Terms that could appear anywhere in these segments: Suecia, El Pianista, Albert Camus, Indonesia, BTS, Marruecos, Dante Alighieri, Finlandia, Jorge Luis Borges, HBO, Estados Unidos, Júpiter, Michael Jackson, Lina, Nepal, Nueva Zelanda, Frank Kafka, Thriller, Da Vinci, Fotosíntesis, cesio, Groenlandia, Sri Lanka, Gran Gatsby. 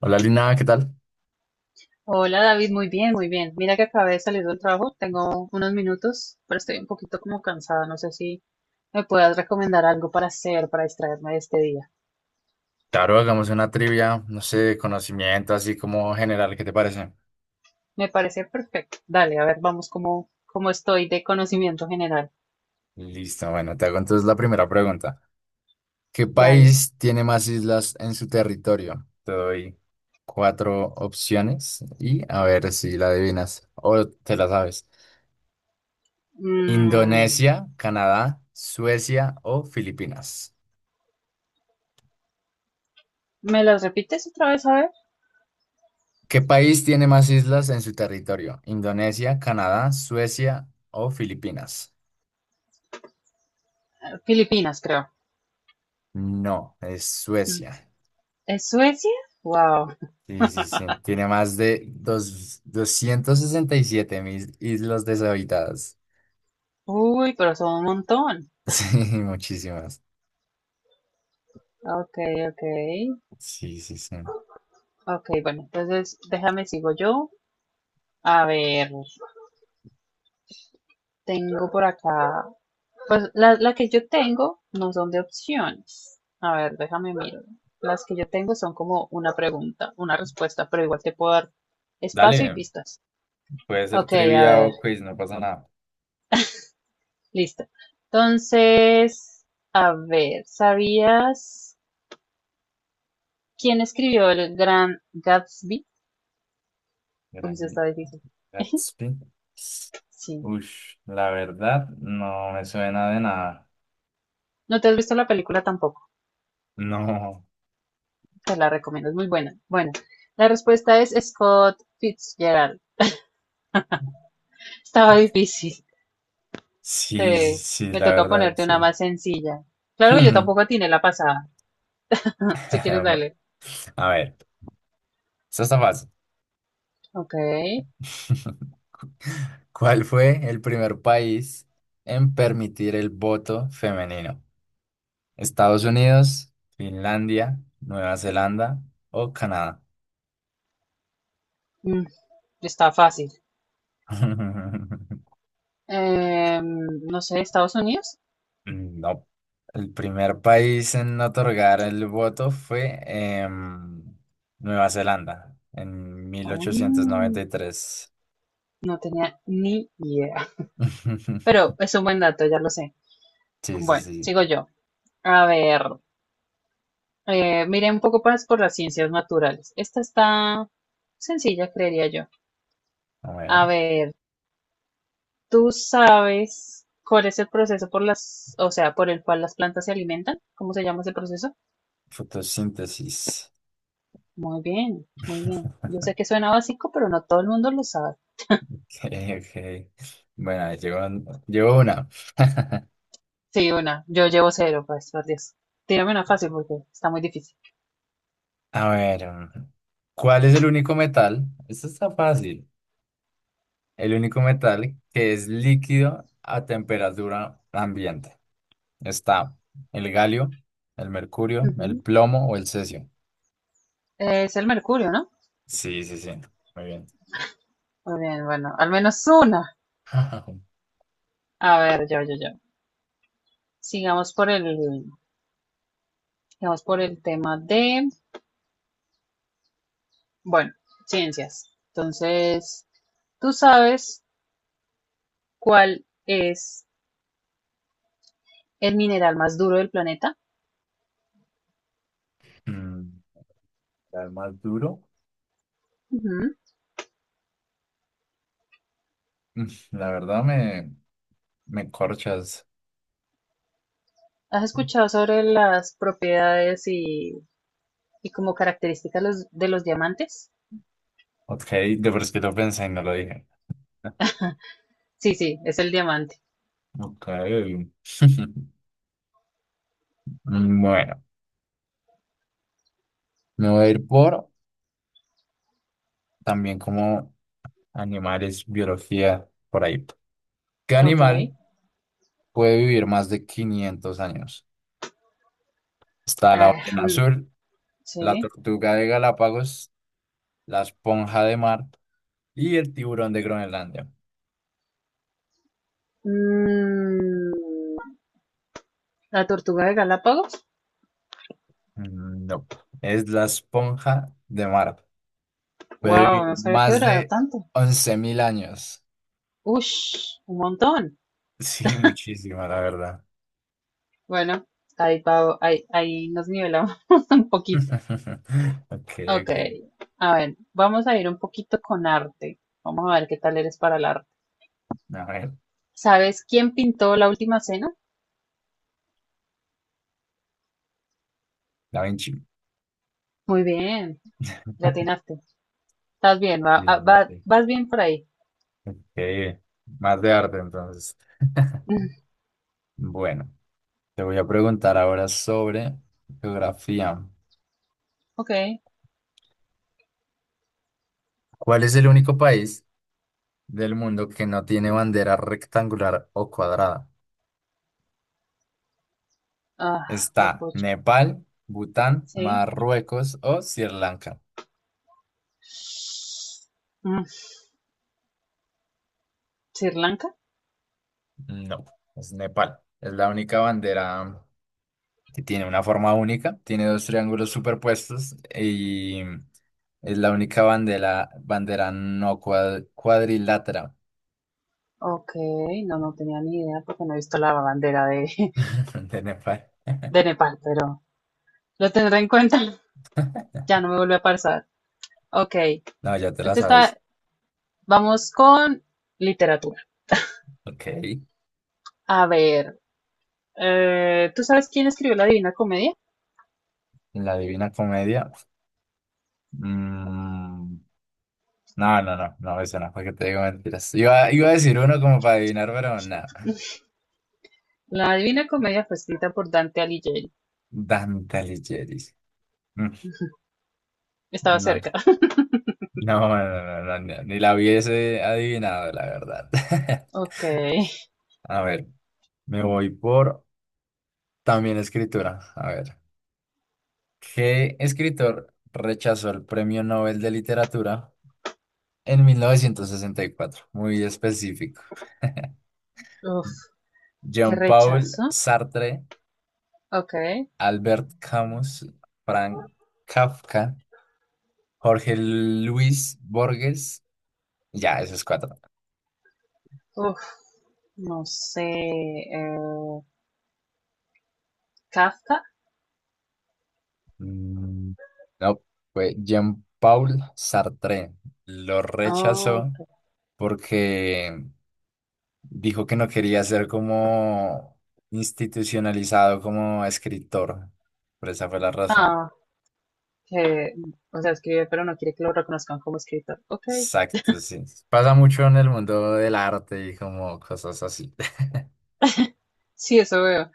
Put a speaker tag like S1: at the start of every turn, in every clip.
S1: Hola Lina, ¿qué tal?
S2: Hola David, muy bien, muy bien. Mira que acabé de salir del trabajo, tengo unos minutos, pero estoy un poquito como cansada. No sé si me puedas recomendar algo para hacer, para distraerme de este día.
S1: Claro, hagamos una trivia, no sé, de conocimiento, así como general, ¿qué te parece?
S2: Me parece perfecto. Dale, a ver, vamos como, como estoy de conocimiento general.
S1: Listo, bueno, te hago entonces la primera pregunta. ¿Qué
S2: Dale.
S1: país tiene más islas en su territorio? Te doy cuatro opciones y a ver si la adivinas o te la sabes.
S2: Mm,
S1: Indonesia, Canadá, Suecia o Filipinas.
S2: ¿Me las repites otra vez? A ver.
S1: ¿Qué país tiene más islas en su territorio? ¿Indonesia, Canadá, Suecia o Filipinas?
S2: Filipinas, creo.
S1: No, es
S2: Mm.
S1: Suecia.
S2: ¿Es Suecia? Wow.
S1: Sí, sí, sí. Tiene más de dos, 267 mil islas deshabitadas.
S2: Uy, pero son un montón.
S1: Sí, muchísimas.
S2: Ok, ok.
S1: Sí, sí, sí.
S2: Ok, bueno, entonces déjame sigo yo. A ver. Tengo por acá, pues la que yo tengo no son de opciones. A ver, déjame mirar. Las que yo tengo son como una pregunta, una respuesta, pero igual te puedo dar espacio y
S1: Dale,
S2: pistas.
S1: puede ser
S2: Ok, a
S1: trivia
S2: ver,
S1: o quiz, no pasa nada.
S2: listo. Entonces, a ver, ¿sabías quién escribió el gran Gatsby? Uy, eso
S1: Gran
S2: está difícil.
S1: Gatsby.
S2: Sí.
S1: Ush, la verdad, no me suena de nada.
S2: No te has visto la película tampoco.
S1: No.
S2: Te la recomiendo, es muy buena. Bueno, la respuesta es Scott Fitzgerald. Estaba difícil.
S1: Sí, sí,
S2: Sí,
S1: sí,
S2: me
S1: la
S2: toca
S1: verdad,
S2: ponerte
S1: sí.
S2: una más sencilla. Claro que yo
S1: Hmm.
S2: tampoco tiene la pasada. Si quieres, dale.
S1: A ver, eso está fácil.
S2: Ok.
S1: ¿Cuál fue el primer país en permitir el voto femenino? ¿Estados Unidos, Finlandia, Nueva Zelanda o Canadá?
S2: Mm, está fácil. Em, no sé, Estados Unidos.
S1: No. El primer país en otorgar el voto fue Nueva Zelanda en mil ochocientos
S2: Mm,
S1: noventa y tres.
S2: no tenía ni idea. Pero es un buen dato, ya lo sé.
S1: Sí, sí,
S2: Bueno,
S1: sí.
S2: sigo yo. A ver, miré un poco más por las ciencias naturales. Esta está sencilla, creería yo.
S1: A
S2: A
S1: ver.
S2: ver, ¿tú sabes cuál es el proceso por las, o sea, por el cual las plantas se alimentan? ¿Cómo se llama ese proceso?
S1: Fotosíntesis.
S2: Muy bien, muy bien. Yo sé que suena básico, pero no todo el mundo lo sabe.
S1: Ok, ok. Bueno, ahí llegó una.
S2: Sí, una. Yo llevo cero, pues, por Dios. Tírame una fácil porque está muy difícil.
S1: A ver, ¿cuál es el único metal? Esto está fácil. El único metal que es líquido a temperatura ambiente. Está el galio, el mercurio, el
S2: Ujú.
S1: plomo o el cesio.
S2: Es el mercurio, ¿no?
S1: Sí, sí, sí. Muy bien.
S2: Muy bien, bueno, al menos una. A ver, yo. Sigamos por el, sigamos por el tema de, bueno, ciencias. Entonces, ¿tú sabes cuál es el mineral más duro del planeta?
S1: Mm, ¿El más duro?
S2: Ujú.
S1: Mm, La verdad me corchas.
S2: ¿Has escuchado sobre las propiedades y como característica los, de los diamantes?
S1: Ok, de por sí lo pensé y no lo dije.
S2: Sí, sí, es el diamante.
S1: Ok. Bueno, me voy a ir por también como animales, biología, por ahí. ¿Qué
S2: Ok.
S1: animal puede vivir más de 500 años? Está la
S2: Ah,
S1: ballena
S2: un-
S1: azul, la
S2: sí.
S1: tortuga de Galápagos, la esponja de mar y el tiburón de Groenlandia.
S2: Mm, la tortuga de Galápagos.
S1: No, es la esponja de mar. Puede
S2: Wow,
S1: vivir
S2: no sabía que
S1: más
S2: duraba
S1: de
S2: tanto.
S1: 11.000 años.
S2: Ush, un montón.
S1: Sí, muchísimo, la verdad.
S2: Bueno, ahí, ahí nos nivelamos un poquito.
S1: Ok,
S2: Ok,
S1: ok.
S2: a ver, vamos a ir un poquito con arte. Vamos a ver qué tal eres para el arte.
S1: A ver,
S2: ¿Sabes quién pintó la última cena?
S1: Da Vinci.
S2: Muy bien, le atinaste. Estás bien,
S1: Sí, sí, sí.
S2: vas bien por ahí.
S1: Ok, más de arte entonces. Bueno. Te voy a preguntar ahora sobre geografía.
S2: Ok.
S1: ¿Cuál es el único país del mundo que no tiene bandera rectangular o cuadrada?
S2: Ah,
S1: ¿Está
S2: papucho.
S1: Nepal, Bután,
S2: Sí.
S1: Marruecos o Sri Lanka?
S2: Mm, ¿Sri Lanka?
S1: No, es Nepal. Es la única bandera que tiene una forma única, tiene dos triángulos superpuestos y es la única bandera no cuadrilátera
S2: Ok, no, no tenía ni idea porque no he visto la bandera de,
S1: de Nepal.
S2: de Nepal, pero lo tendré en cuenta. Ya no me vuelve a pasar. Ok,
S1: No, ya te la
S2: este
S1: sabes.
S2: está, vamos con literatura.
S1: Ok.
S2: A ver, ¿tú sabes quién escribió la Divina Comedia?
S1: La Divina Comedia. Mm, no, no, no, no, eso no, porque te digo mentiras. Iba a decir uno como para adivinar, pero nada.
S2: La Divina Comedia fue escrita por Dante Alighieri.
S1: Dante Alighieri. Mm,
S2: Estaba
S1: no, no,
S2: cerca.
S1: no, no, no, no, ni la hubiese adivinado, la verdad.
S2: Ok,
S1: A ver, me voy por también escritura. A ver, ¿qué escritor rechazó el Premio Nobel de Literatura en 1964? Muy específico.
S2: uf, qué
S1: Jean-Paul
S2: rechazo.
S1: Sartre.
S2: Ok,
S1: Albert Camus, Frank Kafka, Jorge Luis Borges. Ya, esos cuatro.
S2: uf, no sé. eh, Kafka,
S1: Mm, no, fue Jean-Paul Sartre. Lo
S2: oh,
S1: rechazó porque dijo que no quería ser como institucionalizado como escritor. Por esa fue la razón.
S2: ah, que, o sea, escribe, pero no quiere que lo reconozcan como escritor. Ok,
S1: Exacto, sí. Pasa mucho en el mundo del arte y como cosas así.
S2: sí, eso veo.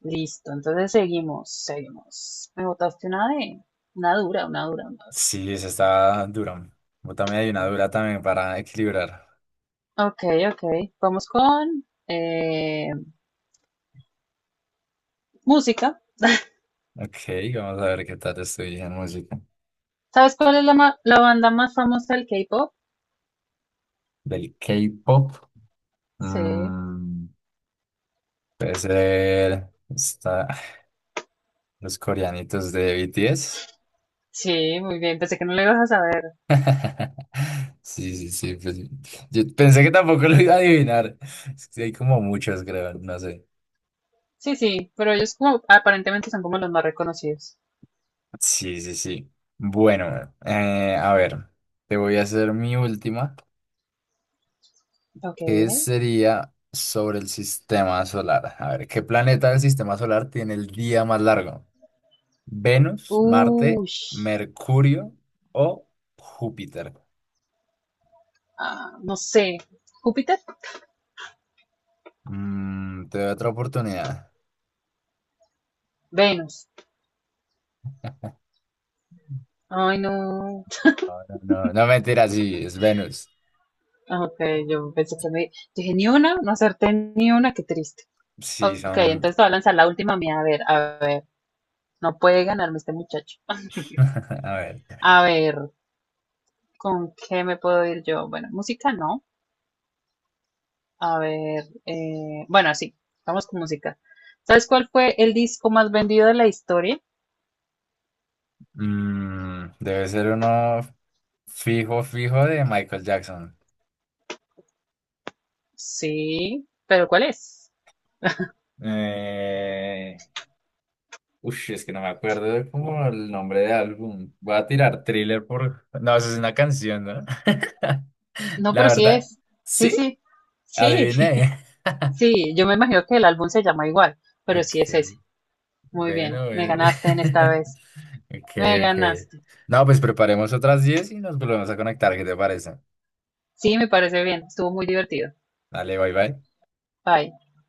S2: Listo, entonces seguimos, seguimos. Me botaste una de, una dura, una
S1: Sí, esa está dura. Yo también hay una dura también para equilibrar.
S2: dura. Ok, ok, vamos con música.
S1: Ok, vamos a ver qué tal estoy en música.
S2: ¿Sabes cuál es la banda más famosa del K-pop?
S1: Del K-pop.
S2: Sí,
S1: mm, puede ser está, los coreanitos de BTS.
S2: sí, muy bien, pensé que no lo ibas a saber.
S1: Sí, sí, sí. Pues, yo pensé que tampoco lo iba a adivinar. Es que hay como muchos, creo, no sé.
S2: Sí, sí, pero ellos como, aparentemente son como los más reconocidos.
S1: Sí, sí, sí. Bueno, a ver, te voy a hacer mi última.
S2: Ok.
S1: ¿Qué sería sobre el sistema solar? A ver, ¿qué planeta del sistema solar tiene el día más largo? ¿Venus, Marte,
S2: Uy,
S1: Mercurio o Júpiter?
S2: ah, no sé. ¿Júpiter?
S1: Te doy otra oportunidad.
S2: Venus. Ay, no.
S1: No, no, no, mentira, sí, es Venus.
S2: Ah, Ok, yo pensé que me... Dije, ni una, no acerté ni una, qué triste.
S1: Sí,
S2: Ok,
S1: son.
S2: entonces te voy a lanzar la última mía. A ver, a ver. No puede ganarme este muchacho.
S1: A ver.
S2: A ver, ¿con qué me puedo ir yo? Bueno, música no. A ver, bueno, sí, vamos con música. ¿Sabes cuál fue el disco más vendido de la historia?
S1: Debe ser uno fijo, fijo de Michael Jackson.
S2: Sí, pero ¿cuál es?
S1: Eh, Ush, es que no me acuerdo de como el nombre del álbum. Voy a tirar Thriller por... No, eso es una canción, ¿no?
S2: No,
S1: La
S2: pero sí
S1: verdad,
S2: es. Sí,
S1: sí,
S2: sí, sí,
S1: adiviné.
S2: sí. Yo me imagino que el álbum se llama igual, pero sí
S1: Ok,
S2: es ese. Muy bien,
S1: bueno,
S2: me
S1: bueno.
S2: ganaste en esta vez.
S1: Ok,
S2: Me
S1: ok.
S2: ganaste.
S1: No, pues preparemos otras 10 y nos volvemos a conectar, ¿qué te parece?
S2: Sí, me parece bien. Estuvo muy divertido.
S1: Dale, bye, bye.
S2: Bye.